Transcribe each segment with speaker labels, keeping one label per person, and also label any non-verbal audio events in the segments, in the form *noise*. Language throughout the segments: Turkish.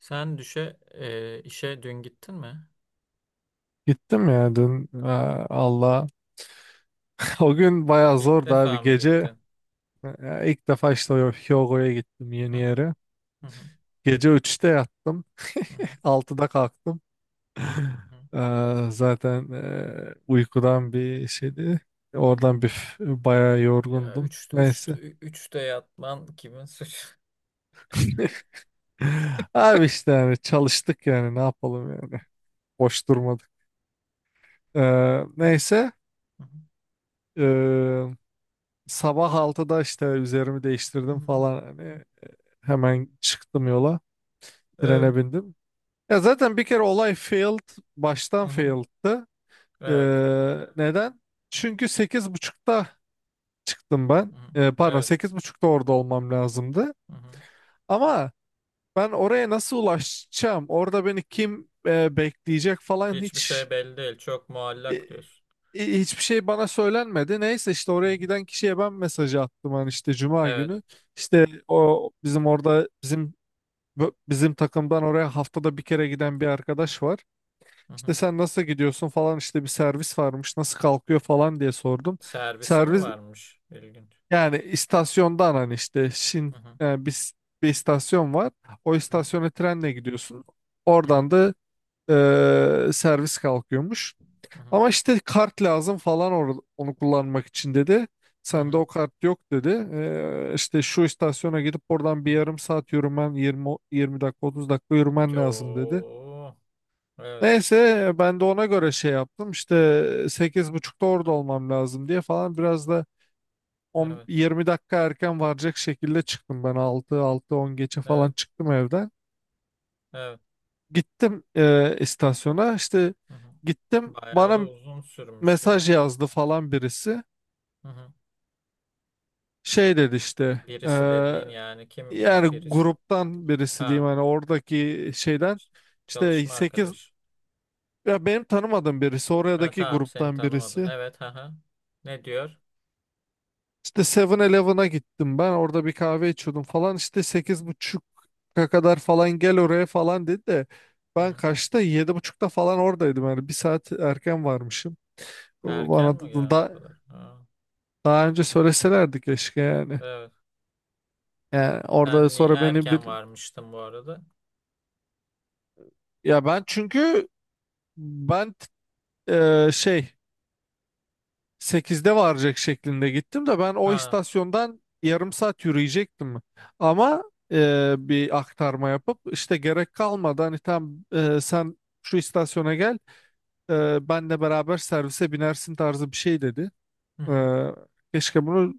Speaker 1: Sen işe dün gittin mi?
Speaker 2: Gittim ya dün. Aa, Allah. *laughs* O gün bayağı
Speaker 1: İlk
Speaker 2: zordu abi,
Speaker 1: defa mı
Speaker 2: gece.
Speaker 1: gittin?
Speaker 2: İlk defa işte o Hyogo'ya gittim,
Speaker 1: Hı
Speaker 2: yeni
Speaker 1: hı.
Speaker 2: yere.
Speaker 1: Hı hı.
Speaker 2: Gece 3'te yattım.
Speaker 1: Hı hı.
Speaker 2: *laughs* 6'da kalktım. *laughs*
Speaker 1: Hı hı.
Speaker 2: Zaten uykudan bir şeydi. Oradan bayağı
Speaker 1: Ya
Speaker 2: yorgundum. Neyse.
Speaker 1: üçte yatman kimin suçu? *laughs*
Speaker 2: *laughs* Abi işte, yani çalıştık yani, ne yapalım yani. Boş durmadık.
Speaker 1: Evet.
Speaker 2: Neyse.
Speaker 1: Hı hı.
Speaker 2: Eee, sabah 6'da işte üzerimi
Speaker 1: Hı
Speaker 2: değiştirdim
Speaker 1: hı.
Speaker 2: falan. Hani, hemen çıktım yola.
Speaker 1: Evet.
Speaker 2: Trene bindim. Ya zaten bir kere olay failed. Baştan
Speaker 1: Hı hı.
Speaker 2: failed'tı. Ee,
Speaker 1: Evet.
Speaker 2: neden? Çünkü 8:30'da çıktım
Speaker 1: Hı
Speaker 2: ben.
Speaker 1: hı.
Speaker 2: Pardon,
Speaker 1: Evet.
Speaker 2: 8:30'da orada olmam lazımdı.
Speaker 1: Hı hı.
Speaker 2: Ama ben oraya nasıl ulaşacağım? Orada beni kim bekleyecek falan,
Speaker 1: Hiçbir
Speaker 2: hiç
Speaker 1: şey belli değil. Çok
Speaker 2: e,
Speaker 1: muallak diyorsun.
Speaker 2: hiçbir şey bana söylenmedi. Neyse, işte
Speaker 1: Hı hı.
Speaker 2: oraya giden kişiye ben mesajı attım. Hani, işte Cuma
Speaker 1: Evet.
Speaker 2: günü. İşte o bizim orada, bizim bizim takımdan oraya haftada bir kere giden bir arkadaş var.
Speaker 1: Hı hı.
Speaker 2: İşte sen nasıl gidiyorsun falan, işte bir servis varmış, nasıl kalkıyor falan diye sordum.
Speaker 1: Servisi mi
Speaker 2: Servis,
Speaker 1: varmış? İlginç.
Speaker 2: yani istasyondan hani işte Şin,
Speaker 1: Hı hı.
Speaker 2: yani bir istasyon var. O
Speaker 1: Hı hı.
Speaker 2: istasyona trenle gidiyorsun.
Speaker 1: Hı hı.
Speaker 2: Oradan da servis kalkıyormuş.
Speaker 1: Hı hı.
Speaker 2: Ama işte kart lazım falan, onu kullanmak için dedi.
Speaker 1: Hı
Speaker 2: Sende
Speaker 1: hı.
Speaker 2: o kart yok dedi. İşte şu istasyona gidip oradan
Speaker 1: Hı
Speaker 2: bir
Speaker 1: hı.
Speaker 2: yarım saat yürümen, 20 20 dakika, 30 dakika yürümen lazım dedi.
Speaker 1: Yo. Evet.
Speaker 2: Neyse ben de ona göre şey yaptım. İşte 8:30'da orada olmam lazım diye falan, biraz da 10
Speaker 1: Evet.
Speaker 2: 20 dakika erken varacak şekilde çıktım ben, 6 6 10 geçe falan
Speaker 1: Evet.
Speaker 2: çıktım evden.
Speaker 1: Evet.
Speaker 2: Gittim istasyona. İşte
Speaker 1: Hı hı.
Speaker 2: gittim,
Speaker 1: Bayağı
Speaker 2: bana
Speaker 1: da uzun sürmüş ya.
Speaker 2: mesaj yazdı falan birisi.
Speaker 1: Hı hı.
Speaker 2: Şey dedi işte,
Speaker 1: Birisi dediğin yani kim
Speaker 2: yani
Speaker 1: ya birisi?
Speaker 2: gruptan birisi diyeyim
Speaker 1: Ha,
Speaker 2: hani, oradaki şeyden
Speaker 1: ç-
Speaker 2: işte
Speaker 1: çalışma
Speaker 2: sekiz,
Speaker 1: arkadaş.
Speaker 2: ya benim tanımadığım birisi,
Speaker 1: Ha,
Speaker 2: oradaki
Speaker 1: tamam seni
Speaker 2: gruptan
Speaker 1: tanımadın.
Speaker 2: birisi.
Speaker 1: Evet, ha ha. Ne diyor?
Speaker 2: İşte Seven elevena gittim, ben orada bir kahve içiyordum falan işte, 8:30'a kadar falan gel oraya falan dedi. De
Speaker 1: Hı
Speaker 2: ben
Speaker 1: hı.
Speaker 2: kaçta, 7:30'da falan oradaydım, yani bir saat erken varmışım.
Speaker 1: Erken
Speaker 2: Bana
Speaker 1: mi ya o kadar? Ha.
Speaker 2: daha önce söyleselerdi keşke yani.
Speaker 1: Evet.
Speaker 2: Yani orada
Speaker 1: Sen
Speaker 2: sonra beni bir,
Speaker 1: erken varmıştın bu arada.
Speaker 2: ya ben çünkü ben, şey 8'de varacak şeklinde gittim de, ben o
Speaker 1: Ha.
Speaker 2: istasyondan yarım saat yürüyecektim. Ama bir aktarma yapıp işte gerek kalmadı hani, tam sen şu istasyona gel, benle beraber servise binersin tarzı bir şey dedi.
Speaker 1: Hı hı.
Speaker 2: E, keşke bunu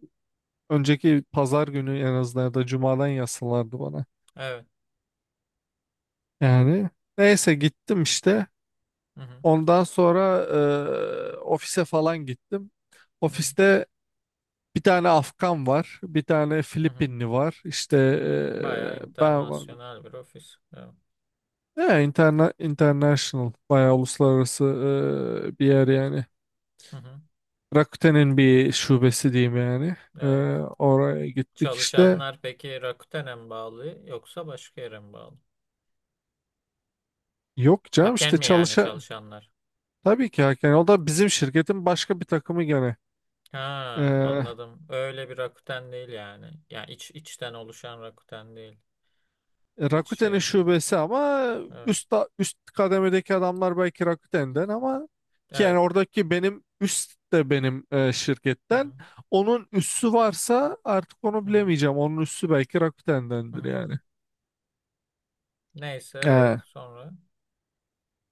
Speaker 2: önceki pazar günü en azından, ya da cumadan yazsalardı bana.
Speaker 1: Evet.
Speaker 2: Yani neyse, gittim işte.
Speaker 1: Hı hı.
Speaker 2: Ondan sonra ofise falan gittim.
Speaker 1: Hı hı.
Speaker 2: Ofiste bir tane Afgan var, bir tane
Speaker 1: Hı hı.
Speaker 2: Filipinli var. İşte
Speaker 1: Hı hı. Bayağı
Speaker 2: ben var.
Speaker 1: internasyonel bir ofis. Evet.
Speaker 2: Ya, international, bayağı uluslararası bir yer yani.
Speaker 1: Hı hı.
Speaker 2: Rakuten'in bir şubesi diyeyim yani. Eee,
Speaker 1: Evet.
Speaker 2: oraya gittik işte.
Speaker 1: Çalışanlar peki Rakuten'e mi bağlı yoksa başka yere mi bağlı?
Speaker 2: Yok canım,
Speaker 1: Haken
Speaker 2: işte
Speaker 1: mi yani
Speaker 2: çalışa...
Speaker 1: çalışanlar?
Speaker 2: Tabii ki yani, o da bizim şirketin başka bir takımı gene.
Speaker 1: Ha,
Speaker 2: E,
Speaker 1: anladım. Öyle bir Rakuten değil yani. Yani iç içten oluşan Rakuten değil. İç
Speaker 2: Rakuten'in
Speaker 1: şeyin.
Speaker 2: şubesi ama
Speaker 1: Evet.
Speaker 2: üst üst kademedeki adamlar belki Rakuten'den, ama ki yani
Speaker 1: Evet.
Speaker 2: oradaki benim üst de benim
Speaker 1: Hı
Speaker 2: şirketten.
Speaker 1: hı.
Speaker 2: Onun üssü varsa artık, onu
Speaker 1: Hı hı.
Speaker 2: bilemeyeceğim. Onun üssü belki
Speaker 1: Hı
Speaker 2: Rakuten'dendir
Speaker 1: hı.
Speaker 2: yani.
Speaker 1: Neyse
Speaker 2: He.
Speaker 1: evet sonra.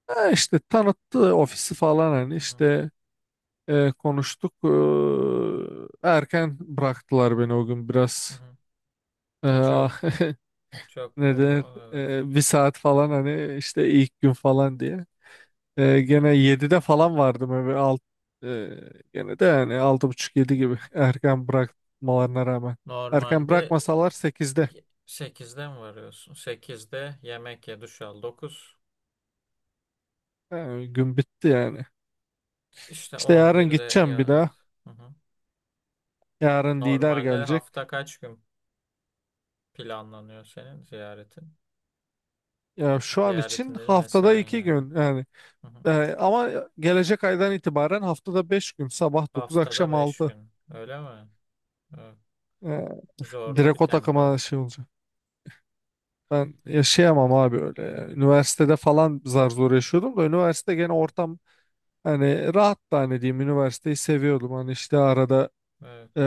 Speaker 2: He, işte tanıttı ofisi falan hani
Speaker 1: Hı hı.
Speaker 2: işte konuştuk. E, erken bıraktılar beni o gün
Speaker 1: Hı
Speaker 2: biraz.
Speaker 1: hı.
Speaker 2: E,
Speaker 1: Çok
Speaker 2: *laughs*
Speaker 1: çok
Speaker 2: ne denir?
Speaker 1: evet.
Speaker 2: Bir saat falan hani işte, ilk gün falan diye.
Speaker 1: Ya.
Speaker 2: Gene 7'de falan vardım eve. E, gene de yani altı buçuk yedi
Speaker 1: Hı
Speaker 2: gibi
Speaker 1: hı.
Speaker 2: *laughs* erken bırakmalarına rağmen. Erken
Speaker 1: Normalde
Speaker 2: bırakmasalar 8'de,
Speaker 1: 8'de mi varıyorsun? Sekizde yemek ye, duş al. Dokuz.
Speaker 2: yani gün bitti yani.
Speaker 1: İşte
Speaker 2: İşte yarın
Speaker 1: 11'de
Speaker 2: gideceğim bir
Speaker 1: ya
Speaker 2: daha.
Speaker 1: evet. Hı hı.
Speaker 2: Yarın lider
Speaker 1: Normalde
Speaker 2: gelecek.
Speaker 1: hafta kaç gün planlanıyor senin ziyaretin?
Speaker 2: Ya şu an için
Speaker 1: Ziyaretin dedim
Speaker 2: haftada
Speaker 1: mesain
Speaker 2: 2
Speaker 1: yani.
Speaker 2: gün yani.
Speaker 1: Hı hı.
Speaker 2: Ama gelecek aydan itibaren haftada 5 gün. Sabah 9,
Speaker 1: Haftada
Speaker 2: akşam
Speaker 1: 5
Speaker 2: 6.
Speaker 1: gün. Öyle mi? Evet.
Speaker 2: Ee,
Speaker 1: Zorlu
Speaker 2: direkt
Speaker 1: bir
Speaker 2: o
Speaker 1: tempo.
Speaker 2: takıma şey olacak. Ben yaşayamam abi öyle,
Speaker 1: Evet.
Speaker 2: ya. Üniversitede falan zar zor yaşıyordum da, üniversite gene ortam. Hani rahat da hani diyeyim, üniversiteyi seviyordum. Hani işte arada
Speaker 1: Evet.
Speaker 2: e,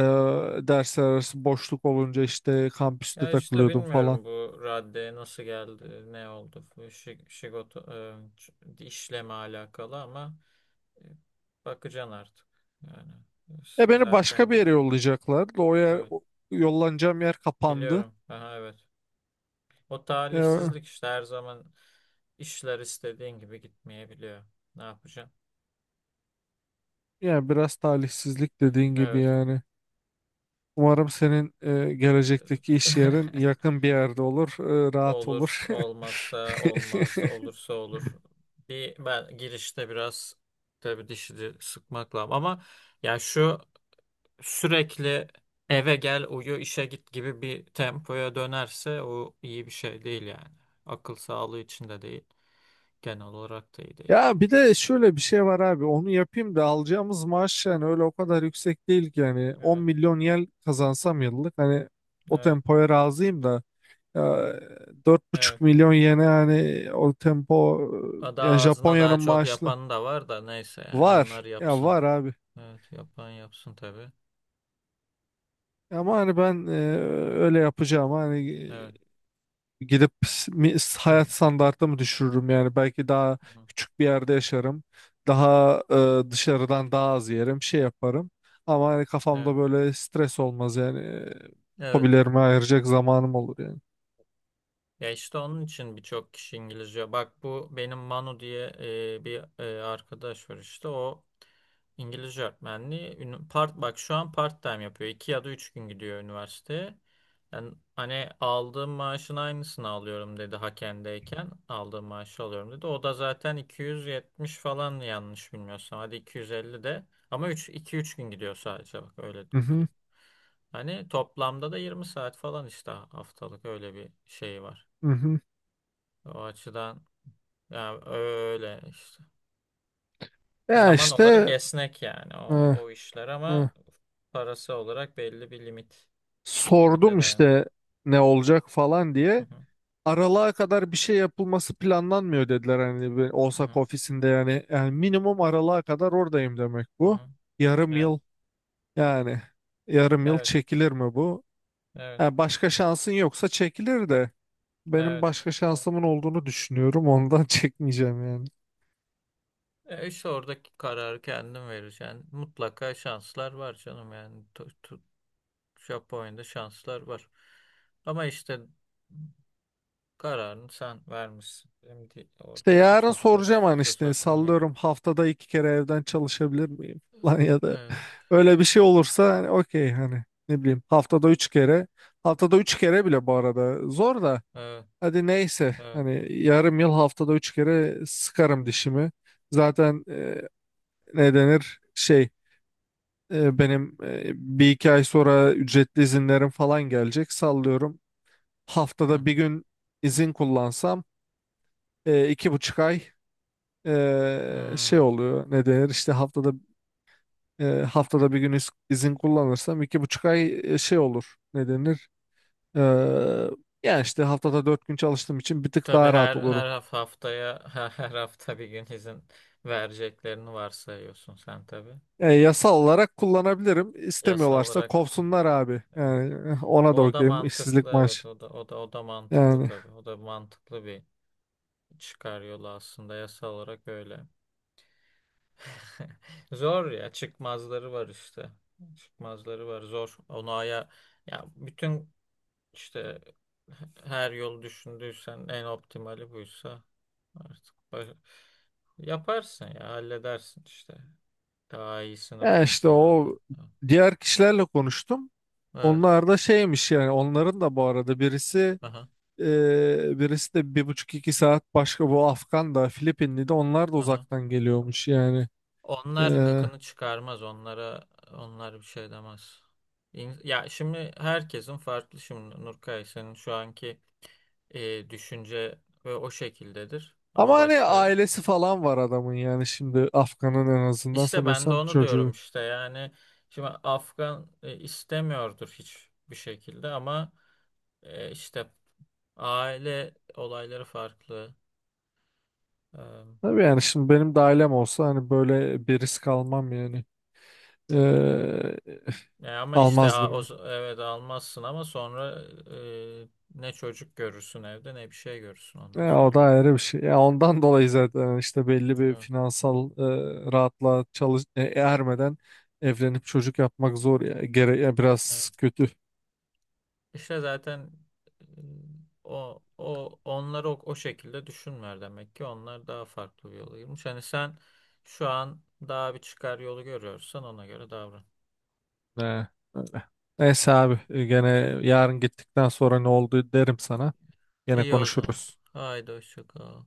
Speaker 2: dersler arası boşluk olunca işte kampüste
Speaker 1: Ya işte
Speaker 2: takılıyordum falan.
Speaker 1: bilmiyorum bu raddeye nasıl geldi, ne oldu. Bu şigoto, işleme alakalı ama e, bakacaksın artık. Yani
Speaker 2: E beni başka
Speaker 1: zaten
Speaker 2: bir yere yollayacaklardı.
Speaker 1: evet
Speaker 2: Yollanacağım yer kapandı.
Speaker 1: biliyorum. Aha, evet. O
Speaker 2: E,
Speaker 1: talihsizlik işte her zaman işler istediğin gibi gitmeyebiliyor. Ne yapacaksın?
Speaker 2: yani biraz talihsizlik dediğin gibi
Speaker 1: Evet.
Speaker 2: yani. Umarım senin gelecekteki iş yerin
Speaker 1: *laughs*
Speaker 2: yakın bir yerde olur, rahat
Speaker 1: Olur,
Speaker 2: olur.
Speaker 1: olmazsa olmaz,
Speaker 2: *laughs*
Speaker 1: olursa olur. Bir ben girişte biraz tabii dişini sıkmakla ama ya şu sürekli eve gel uyu işe git gibi bir tempoya dönerse o iyi bir şey değil yani. Akıl sağlığı için de değil, genel olarak da iyi değil.
Speaker 2: Ya bir de şöyle bir şey var abi, onu yapayım da alacağımız maaş yani öyle o kadar yüksek değil ki. Yani 10
Speaker 1: Evet,
Speaker 2: milyon yen kazansam yıllık, hani o
Speaker 1: evet,
Speaker 2: tempoya razıyım da, ya, dört
Speaker 1: evet.
Speaker 2: buçuk milyon yene yani o tempo.
Speaker 1: Daha
Speaker 2: Ya
Speaker 1: ağzına daha
Speaker 2: Japonya'nın
Speaker 1: çok
Speaker 2: maaşlı,
Speaker 1: yapan da var da neyse yani
Speaker 2: var
Speaker 1: onlar
Speaker 2: ya,
Speaker 1: yapsın.
Speaker 2: var abi.
Speaker 1: Evet, yapan yapsın tabii.
Speaker 2: Ama hani ben, öyle yapacağım hani,
Speaker 1: Evet.
Speaker 2: gidip
Speaker 1: Hı
Speaker 2: hayat standartımı düşürürüm yani. Belki daha
Speaker 1: hı.
Speaker 2: küçük bir yerde yaşarım, daha dışarıdan daha az yerim, şey yaparım, ama hani
Speaker 1: Evet.
Speaker 2: kafamda böyle stres olmaz yani. E,
Speaker 1: Evet.
Speaker 2: hobilerime ayıracak zamanım olur yani.
Speaker 1: Ya işte onun için birçok kişi İngilizce. Bak bu benim Manu diye bir arkadaş var işte o İngilizce öğretmenliği. Part, bak şu an part time yapıyor. İki ya da üç gün gidiyor üniversiteye. Yani hani aldığım maaşın aynısını alıyorum dedi Haken'deyken. Aldığım maaşı alıyorum dedi. O da zaten 270 falan yanlış bilmiyorsam. Hadi 250 de. Ama üç gün gidiyor sadece bak öyle
Speaker 2: Hı hı,
Speaker 1: diyeyim. Hani toplamda da 20 saat falan işte haftalık öyle bir şey var.
Speaker 2: hı hı.
Speaker 1: O açıdan yani öyle işte.
Speaker 2: Ya
Speaker 1: Zaman olarak
Speaker 2: işte
Speaker 1: esnek yani
Speaker 2: e,
Speaker 1: o, o işler
Speaker 2: e,
Speaker 1: ama parası olarak belli bir limite
Speaker 2: sordum
Speaker 1: dayanıyor.
Speaker 2: işte ne olacak falan
Speaker 1: Hı
Speaker 2: diye.
Speaker 1: hı,
Speaker 2: Aralığa kadar bir şey yapılması planlanmıyor dediler, hani bir
Speaker 1: hı
Speaker 2: Osaka
Speaker 1: hı,
Speaker 2: ofisinde yani. Yani minimum aralığa kadar oradayım demek
Speaker 1: hı
Speaker 2: bu,
Speaker 1: hı.
Speaker 2: yarım
Speaker 1: Evet,
Speaker 2: yıl. Yani yarım yıl
Speaker 1: evet,
Speaker 2: çekilir mi bu?
Speaker 1: evet,
Speaker 2: Ha, başka şansın yoksa çekilir de, benim
Speaker 1: evet.
Speaker 2: başka şansımın olduğunu düşünüyorum, ondan *laughs* çekmeyeceğim yani.
Speaker 1: E işte oradaki kararı kendin vereceksin. Mutlaka şanslar var canım yani. Japonya'da şanslar var. Ama işte kararını sen vermişsin. Benim de
Speaker 2: İşte
Speaker 1: orada
Speaker 2: yarın
Speaker 1: çok fazla
Speaker 2: soracağım, hani
Speaker 1: söz
Speaker 2: işte
Speaker 1: hakkım yok.
Speaker 2: sallıyorum, haftada 2 kere evden çalışabilir miyim? *laughs* Lan, ya da
Speaker 1: Evet,
Speaker 2: öyle bir şey olursa hani okey, hani ne bileyim, haftada 3 kere, haftada 3 kere bile bu arada zor da.
Speaker 1: evet,
Speaker 2: Hadi neyse,
Speaker 1: evet.
Speaker 2: hani yarım yıl haftada 3 kere sıkarım dişimi. Zaten ne denir şey, benim bir iki ay sonra ücretli izinlerim falan gelecek sallıyorum.
Speaker 1: Hı
Speaker 2: Haftada bir
Speaker 1: hı.
Speaker 2: gün izin kullansam 2,5 ay şey
Speaker 1: Hmm.
Speaker 2: oluyor, ne denir işte. Haftada haftada bir gün izin kullanırsam 2,5 ay şey olur, ne denir. E, yani işte haftada 4 gün çalıştığım için bir tık
Speaker 1: Tabii
Speaker 2: daha rahat
Speaker 1: her
Speaker 2: olurum.
Speaker 1: haftaya *laughs* her hafta bir gün izin vereceklerini varsayıyorsun sen tabii.
Speaker 2: Yasal olarak kullanabilirim.
Speaker 1: Yasal
Speaker 2: İstemiyorlarsa
Speaker 1: olarak
Speaker 2: kovsunlar abi.
Speaker 1: evet.
Speaker 2: Yani eh, ona da
Speaker 1: O da
Speaker 2: okeyim.
Speaker 1: mantıklı
Speaker 2: İşsizlik
Speaker 1: evet
Speaker 2: maaşı.
Speaker 1: o da mantıklı
Speaker 2: Yani.
Speaker 1: tabii. O da mantıklı bir çıkar yolu aslında yasal olarak öyle. *laughs* Zor ya çıkmazları var işte. Çıkmazları var zor. Onu ya bütün. İşte her yol düşündüysen en optimali buysa artık yaparsın ya halledersin işte. Daha iyisini
Speaker 2: Ya işte
Speaker 1: bulursun herhalde.
Speaker 2: o, diğer kişilerle konuştum.
Speaker 1: Evet.
Speaker 2: Onlar da şeymiş yani, onların da bu arada birisi
Speaker 1: Aha,
Speaker 2: birisi de bir buçuk iki saat başka. Bu Afgan da Filipinli de, onlar da
Speaker 1: aha.
Speaker 2: uzaktan geliyormuş yani. E,
Speaker 1: Onlar gıkını çıkarmaz. Onlar bir şey demez. Ya şimdi herkesin farklı şimdi Nurkay senin şu anki düşünce ve o şekildedir. Ama
Speaker 2: ama hani
Speaker 1: başka.
Speaker 2: ailesi falan var adamın yani. Şimdi
Speaker 1: Hı.
Speaker 2: Afgan'ın en azından
Speaker 1: İşte ben de
Speaker 2: sanıyorsam
Speaker 1: onu diyorum
Speaker 2: çocuğu.
Speaker 1: işte yani şimdi Afgan istemiyordur hiçbir şekilde ama işte aile olayları farklı. E,
Speaker 2: Tabii yani, şimdi benim de ailem olsa hani böyle bir risk almam yani. E,
Speaker 1: ama işte
Speaker 2: almazdım yani.
Speaker 1: evet almazsın ama sonra e, ne çocuk görürsün evde ne bir şey görürsün onu da
Speaker 2: Ya o da
Speaker 1: söyleyeyim.
Speaker 2: ayrı bir şey. Ya ondan dolayı zaten işte belli bir
Speaker 1: Evet,
Speaker 2: finansal rahatlığa ermeden evlenip çocuk yapmak zor ya. Gere, ya
Speaker 1: evet.
Speaker 2: biraz kötü.
Speaker 1: İşte zaten e, o o onları o şekilde düşünmüyor demek ki onlar daha farklı bir yola girmiş. Hani sen şu an daha bir çıkar yolu görüyorsan ona göre davran.
Speaker 2: Ne, öyle. Neyse abi, gene yarın gittikten sonra ne oldu derim sana. Gene
Speaker 1: İyi o zaman.
Speaker 2: konuşuruz.
Speaker 1: Haydi hoşça kal.